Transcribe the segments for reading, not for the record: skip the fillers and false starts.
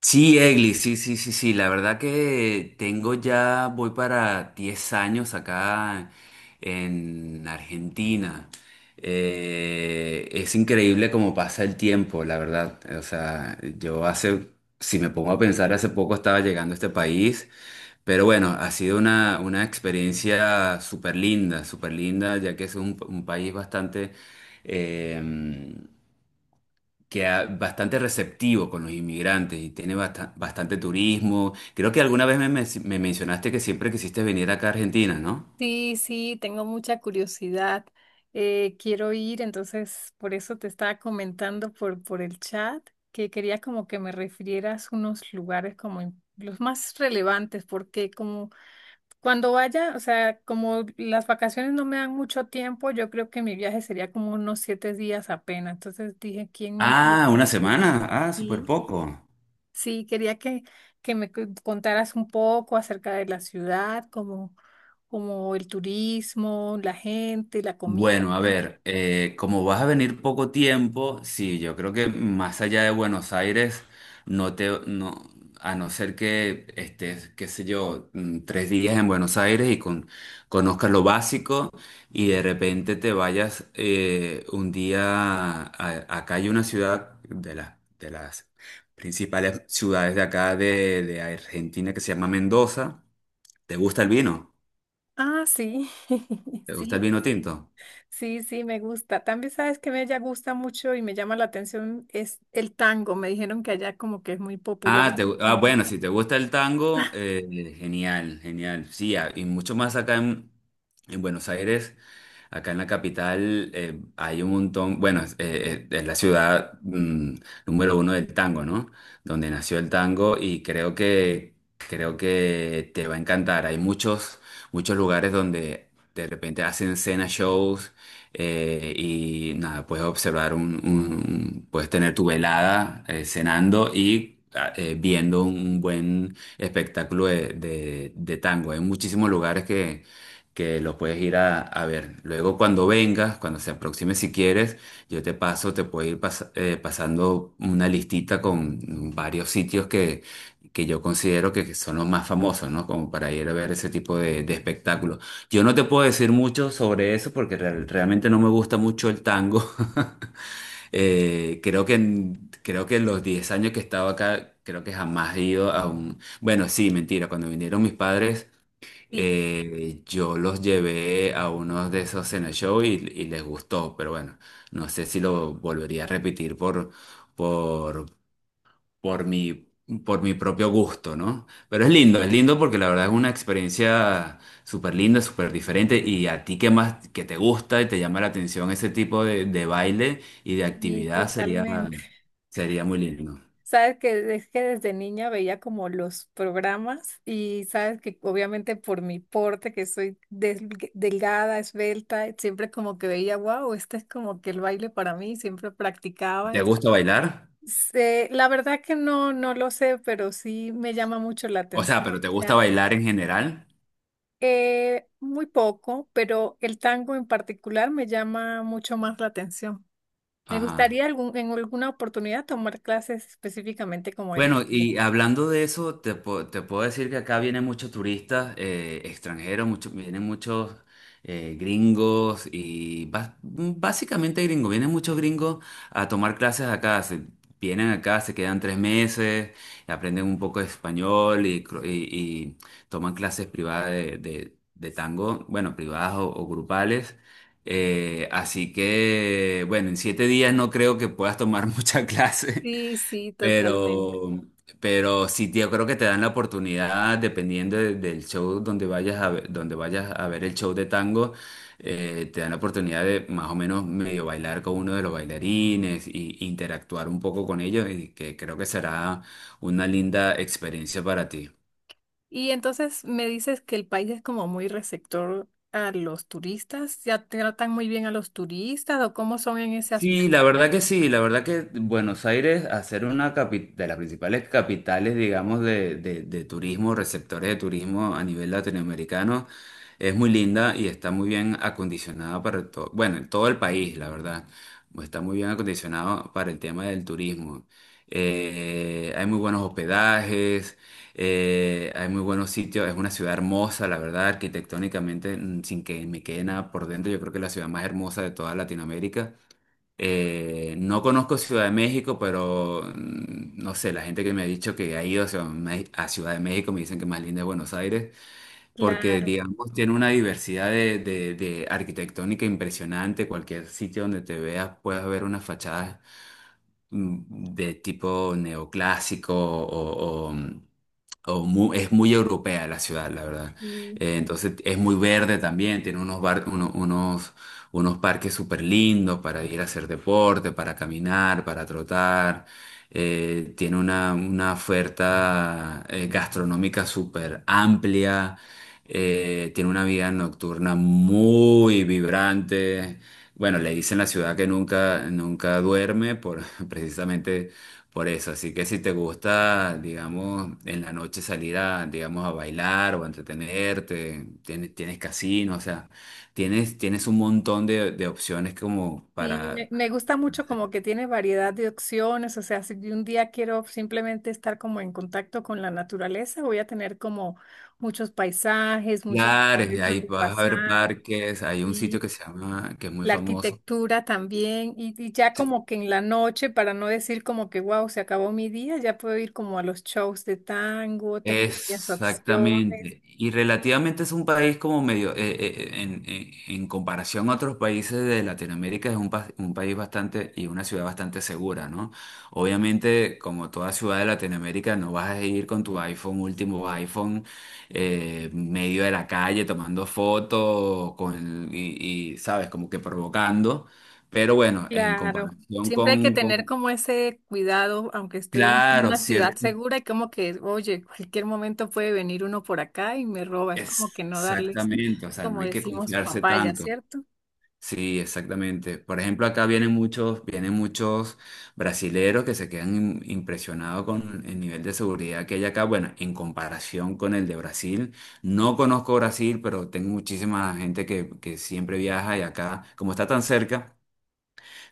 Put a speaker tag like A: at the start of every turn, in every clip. A: Sí, Egli, sí, sí, sí, sí. La verdad que tengo ya, voy para 10 años acá en Argentina. Es increíble cómo pasa el tiempo, la verdad. O sea, yo hace, si me pongo a pensar, hace poco estaba llegando a este país. Pero bueno, ha sido una experiencia súper linda, ya que es un país bastante... em, bastante receptivo con los inmigrantes y tiene bastante turismo. Creo que alguna vez me mencionaste que siempre quisiste venir acá a Argentina, ¿no?
B: Sí, sí, tengo mucha curiosidad. Quiero ir, entonces por eso te estaba comentando por el chat que quería como que me refirieras unos lugares como los más relevantes, porque como cuando vaya, o sea, como las vacaciones no me dan mucho tiempo, yo creo que mi viaje sería como unos 7 días apenas. Entonces dije, ¿quién mejor
A: Ah, una
B: que tú?
A: semana. Ah, súper
B: Sí.
A: poco.
B: Sí, quería que me contaras un poco acerca de la ciudad, como, como el turismo, la gente, la comida.
A: Bueno, a ver, como vas a venir poco tiempo, sí, yo creo que más allá de Buenos Aires, no, a no ser que estés, qué sé yo, 3 días en Buenos Aires y conozcas lo básico y de repente te vayas un día, acá hay una ciudad de las principales ciudades de acá de Argentina que se llama Mendoza. ¿Te gusta el vino?
B: Ah, sí,
A: ¿Te gusta el
B: sí,
A: vino tinto?
B: sí, sí, me gusta. También sabes que me ya gusta mucho y me llama la atención es el tango. Me dijeron que allá como que es muy popular
A: Ah,
B: en el
A: ah,
B: común.
A: bueno, si te gusta el tango, genial, genial. Sí, ah, y mucho más acá en Buenos Aires, acá en la capital, hay un montón, bueno, es la ciudad número uno del tango, ¿no? Donde nació el tango y creo que te va a encantar. Hay muchos lugares donde de repente hacen cena shows y nada, puedes observar puedes tener tu velada cenando y viendo un buen espectáculo de tango. Hay muchísimos lugares que los puedes ir a ver. Luego cuando vengas, cuando se aproxime si quieres, yo te paso, te puedo ir pas- pasando una listita con varios sitios que yo considero que son los más famosos, ¿no? Como para ir a ver ese tipo de espectáculos. Yo no te puedo decir mucho sobre eso porque realmente no me gusta mucho el tango. Creo que en los 10 años que he estado acá, creo que jamás he ido a un... Bueno, sí, mentira, cuando vinieron mis padres,
B: Sí,
A: yo los llevé a unos de esos cena show y les gustó, pero bueno, no sé si lo volvería a repetir por, por mi, por mi propio gusto, ¿no? Pero es lindo porque la verdad es una experiencia súper linda, súper diferente y a ti que más, que te gusta y te llama la atención ese tipo de baile y de
B: sí,
A: actividad
B: totalmente.
A: sería muy lindo.
B: Sabes que es que desde niña veía como los programas, y sabes que obviamente por mi porte, que soy delgada, esbelta, siempre como que veía, wow, este es como que el baile para mí, siempre practicaba.
A: ¿Te
B: Entonces,
A: gusta bailar?
B: eh, la verdad que no, no lo sé, pero sí me llama mucho la
A: O sea, pero
B: atención.
A: ¿te
B: O
A: gusta
B: sea,
A: bailar en general?
B: muy poco, pero el tango en particular me llama mucho más la atención. Me
A: Ajá.
B: gustaría algún, en alguna oportunidad tomar clases específicamente como él.
A: Bueno, y hablando de eso, te puedo decir que acá vienen muchos turistas extranjeros, vienen muchos gringos y básicamente gringos, vienen muchos gringos a tomar clases acá. Vienen acá, se quedan 3 meses, aprenden un poco de español y toman clases privadas de tango, bueno, privadas o grupales. Así que, bueno, en 7 días no creo que puedas tomar mucha clase.
B: Sí, sí, totalmente.
A: Pero, pero sí, tío, creo que te dan la oportunidad, dependiendo del show donde vayas a ver, donde vayas a ver el show de tango, te dan la oportunidad de más o menos medio bailar con uno de los bailarines y interactuar un poco con ellos, y que creo que será una linda experiencia para ti.
B: Y entonces me dices que el país es como muy receptor a los turistas, ¿ya tratan muy bien a los turistas o cómo son en ese
A: Sí,
B: aspecto?
A: la verdad que sí, la verdad que Buenos Aires, a ser una de las principales capitales, digamos, de turismo, receptores de turismo a nivel latinoamericano, es muy linda y está muy bien acondicionada para todo, bueno, todo el país, la verdad, está muy bien acondicionado para el tema del turismo. Hay muy buenos hospedajes, hay muy buenos sitios, es una ciudad hermosa, la verdad, arquitectónicamente, sin que me quede nada por dentro, yo creo que es la ciudad más hermosa de toda Latinoamérica. No conozco Ciudad de México, pero no sé, la gente que me ha dicho que ha ido a a Ciudad de México me dicen que más linda es Buenos Aires, porque
B: Claro,
A: digamos tiene una diversidad de arquitectónica impresionante, cualquier sitio donde te veas puedes ver unas fachadas de tipo neoclásico es muy europea la ciudad, la verdad.
B: sí.
A: Entonces es muy verde también, tiene unos, bar- uno- unos, unos parques súper lindos para ir a hacer deporte, para caminar, para trotar. Tiene una oferta gastronómica súper amplia. Tiene una vida nocturna muy vibrante. Bueno, le dicen la ciudad que nunca, nunca duerme precisamente por eso. Así que si te gusta, digamos, en la noche salir a, digamos, a bailar o a entretenerte, tienes casino, o sea, tienes un montón de opciones como
B: Sí, me gusta
A: para
B: mucho
A: hacer
B: como que tiene variedad de opciones. O sea, si un día quiero simplemente estar como en contacto con la naturaleza, voy a tener como muchos paisajes, muchos
A: lugares.
B: lugares
A: Ahí
B: donde
A: vas a ver
B: pasar,
A: parques, hay un sitio
B: sí.
A: que se llama, que es muy
B: La
A: famoso.
B: arquitectura también, y ya como que en la noche, para no decir como que, wow, se acabó mi día, ya puedo ir como a los shows de tango, tengo varias opciones.
A: Exactamente. Y relativamente es un país como medio, en comparación a otros países de Latinoamérica, es un país bastante y una ciudad bastante segura, ¿no? Obviamente, como toda ciudad de Latinoamérica, no vas a ir con tu iPhone, último iPhone, medio de la calle tomando fotos con, ¿sabes? Como que provocando. Pero bueno, en
B: Claro,
A: comparación
B: siempre hay que tener
A: con
B: como ese cuidado, aunque esté en
A: claro,
B: una ciudad
A: cierto.
B: segura, y como que, oye, cualquier momento puede venir uno por acá y me roba, es como que no darles,
A: Exactamente, o sea, no
B: como
A: hay que
B: decimos,
A: confiarse
B: papaya,
A: tanto.
B: ¿cierto?
A: Sí, exactamente. Por ejemplo, acá vienen vienen muchos brasileros que se quedan impresionados con el nivel de seguridad que hay acá. Bueno, en comparación con el de Brasil, no conozco Brasil, pero tengo muchísima gente que siempre viaja y acá, como está tan cerca.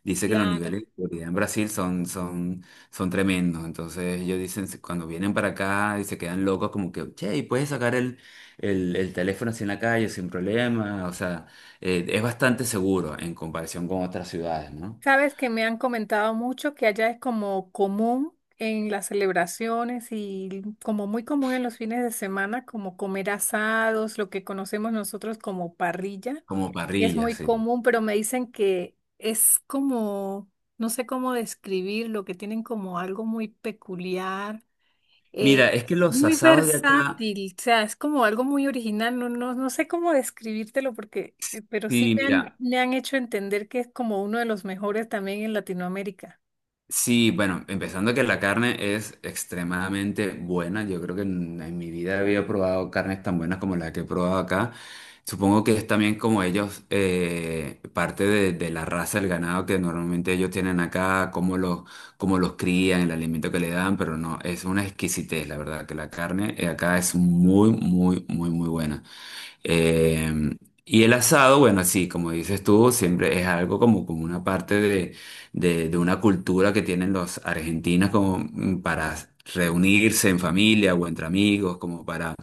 A: Dice que los
B: Claro.
A: niveles de seguridad en Brasil son tremendos. Entonces ellos dicen, cuando vienen para acá y se quedan locos, como que, che, y puedes sacar el teléfono así en la calle sin problema. O sea, es bastante seguro en comparación con otras ciudades, ¿no?
B: Sabes que me han comentado mucho que allá es como común en las celebraciones y como muy común en los fines de semana, como comer asados, lo que conocemos nosotros como parrilla.
A: Como
B: Es
A: parrillas,
B: muy
A: sí.
B: común, pero me dicen que es como, no sé cómo describirlo, que tienen como algo muy peculiar.
A: Mira, es que
B: Es
A: los
B: muy
A: asados de acá,
B: versátil. O sea, es como algo muy original. No sé cómo describírtelo porque, pero sí
A: sí, mira.
B: me han hecho entender que es como uno de los mejores también en Latinoamérica.
A: Sí, bueno, empezando que la carne es extremadamente buena. Yo creo que en mi vida había probado carnes tan buenas como la que he probado acá. Supongo que es también como ellos, parte de la raza del ganado que normalmente ellos tienen acá, cómo los crían, el alimento que le dan, pero no, es una exquisitez, la verdad, que la carne acá es muy, muy, muy, muy buena. Eh, y el asado, bueno, sí, como dices tú, siempre es algo como, como una parte de una cultura que tienen los argentinos como para reunirse en familia o entre amigos, como para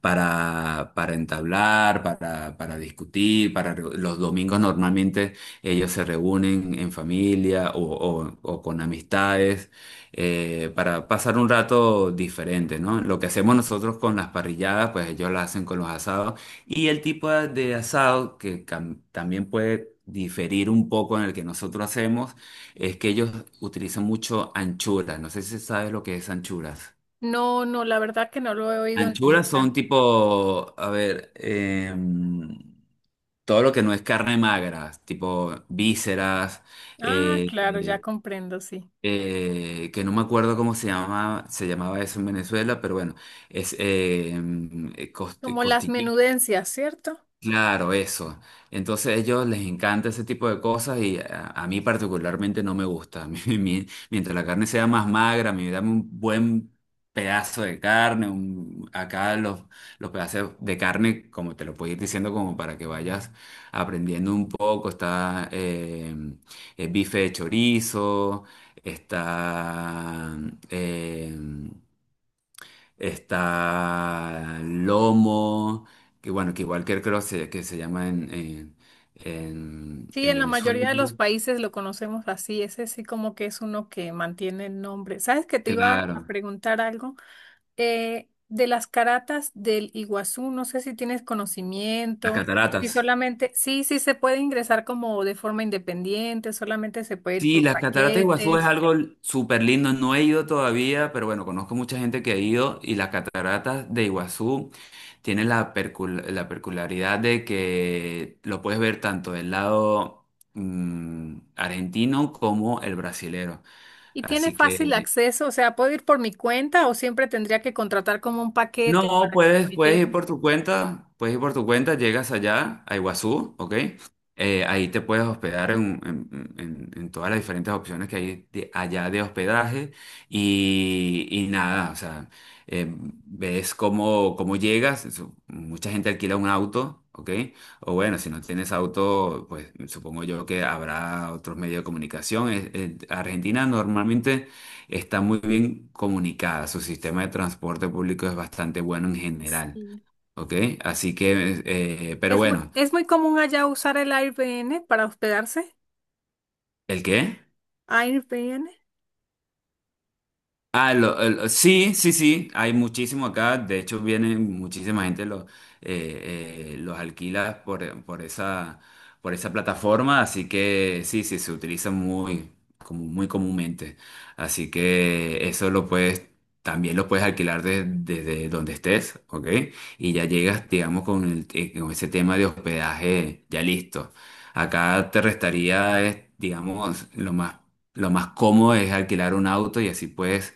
A: para, para entablar, para discutir, los domingos normalmente ellos se reúnen en familia o con amistades para pasar un rato diferente, ¿no? Lo que hacemos nosotros con las parrilladas, pues ellos las hacen con los asados y el tipo de asado que también puede diferir un poco en el que nosotros hacemos es que ellos utilizan mucho anchuras. No sé si sabes lo que es anchuras.
B: No, no, la verdad que no lo he oído
A: Anchuras son
B: nombrar.
A: tipo, a ver, todo lo que no es carne magra, tipo vísceras,
B: Ah,
A: eh,
B: claro, ya
A: eh,
B: comprendo, sí.
A: que no me acuerdo cómo se llama, se llamaba eso en Venezuela, pero bueno, es
B: Como las menudencias, ¿cierto?
A: claro, eso. Entonces a ellos les encanta ese tipo de cosas y a mí particularmente no me gusta. Mientras la carne sea más magra, me dame un buen pedazo de carne, acá los pedazos de carne, como te lo puedo ir diciendo, como para que vayas aprendiendo un poco, está el bife de chorizo, está... eh, está lomo, que bueno, que igual que creo que se llama
B: Sí,
A: en
B: en la
A: Venezuela.
B: mayoría de los
A: ¿No?
B: países lo conocemos así, ese sí como que es uno que mantiene el nombre. ¿Sabes que te iba a
A: Claro,
B: preguntar algo? De las caratas del Iguazú, no sé si tienes
A: las
B: conocimiento, si
A: cataratas.
B: solamente, sí, sí se puede ingresar como de forma independiente, solamente se puede ir
A: Sí,
B: por
A: las cataratas de Iguazú es
B: paquetes,
A: algo súper lindo. No he ido todavía, pero bueno, conozco mucha gente que ha ido y las cataratas de Iguazú tienen la peculiaridad de que lo puedes ver tanto del lado argentino como el brasilero.
B: y tiene
A: Así
B: fácil
A: que
B: acceso. O sea, puedo ir por mi cuenta o siempre tendría que contratar como un paquete
A: no,
B: para que me
A: puedes ir
B: lleven.
A: por tu cuenta, puedes ir por tu cuenta, llegas allá a Iguazú, ¿ok? Ahí te puedes hospedar en todas las diferentes opciones que hay allá de hospedaje y nada, o sea, eh, ves cómo llegas, mucha gente alquila un auto, ¿ok? O bueno, si no tienes auto, pues supongo yo que habrá otros medios de comunicación. Argentina normalmente está muy bien comunicada. Su sistema de transporte público es bastante bueno en general,
B: Sí.
A: ¿ok? Así que, pero bueno,
B: Es muy común allá usar el Airbnb para hospedarse.
A: ¿el qué?
B: Airbnb.
A: Ah, sí, sí, sí, hay muchísimo acá. De hecho, viene muchísima gente, los alquila por por esa plataforma. Así que sí, sí, se utiliza muy, como muy comúnmente. Así que eso lo puedes, también lo puedes alquilar desde donde estés, ¿ok? Y ya llegas, digamos, con ese tema de hospedaje ya listo. Acá te restaría, digamos, lo más cómodo es alquilar un auto y así puedes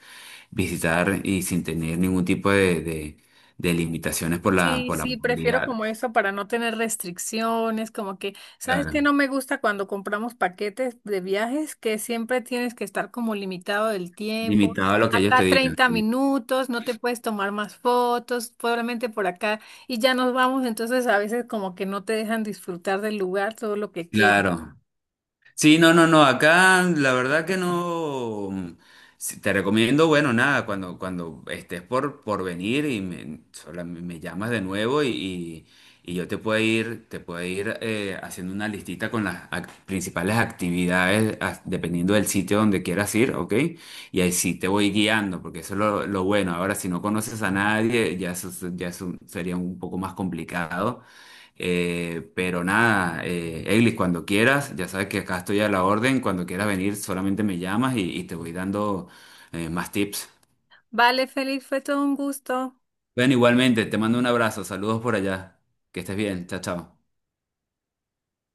A: visitar y sin tener ningún tipo de limitaciones por
B: Sí,
A: por la
B: sí, prefiero
A: movilidad.
B: como eso para no tener restricciones, como que, ¿sabes qué?
A: Claro.
B: No me gusta cuando compramos paquetes de viajes, que siempre tienes que estar como limitado del tiempo.
A: Limitado a lo que ellos te
B: Acá
A: digan.
B: 30
A: Sí.
B: minutos, no te puedes tomar más fotos, probablemente por acá, y ya nos vamos, entonces a veces como que no te dejan disfrutar del lugar todo lo que quieres.
A: Claro. Sí, no, no, no, acá la verdad que no. Sí, te recomiendo, bueno, nada, cuando estés por venir y me llamas de nuevo y y yo te puedo ir haciendo una listita con las principales actividades dependiendo del sitio donde quieras ir, ¿ok? Y ahí sí te voy guiando, porque eso es lo bueno. Ahora, si no conoces a nadie, ya, ya eso sería un poco más complicado. Pero nada, Eglis, cuando quieras, ya sabes que acá estoy a la orden, cuando quieras venir solamente me llamas y te voy dando más tips.
B: Vale, Feliz, fue todo un gusto.
A: Bueno, igualmente, te mando un abrazo, saludos por allá, que estés bien, chao, chao.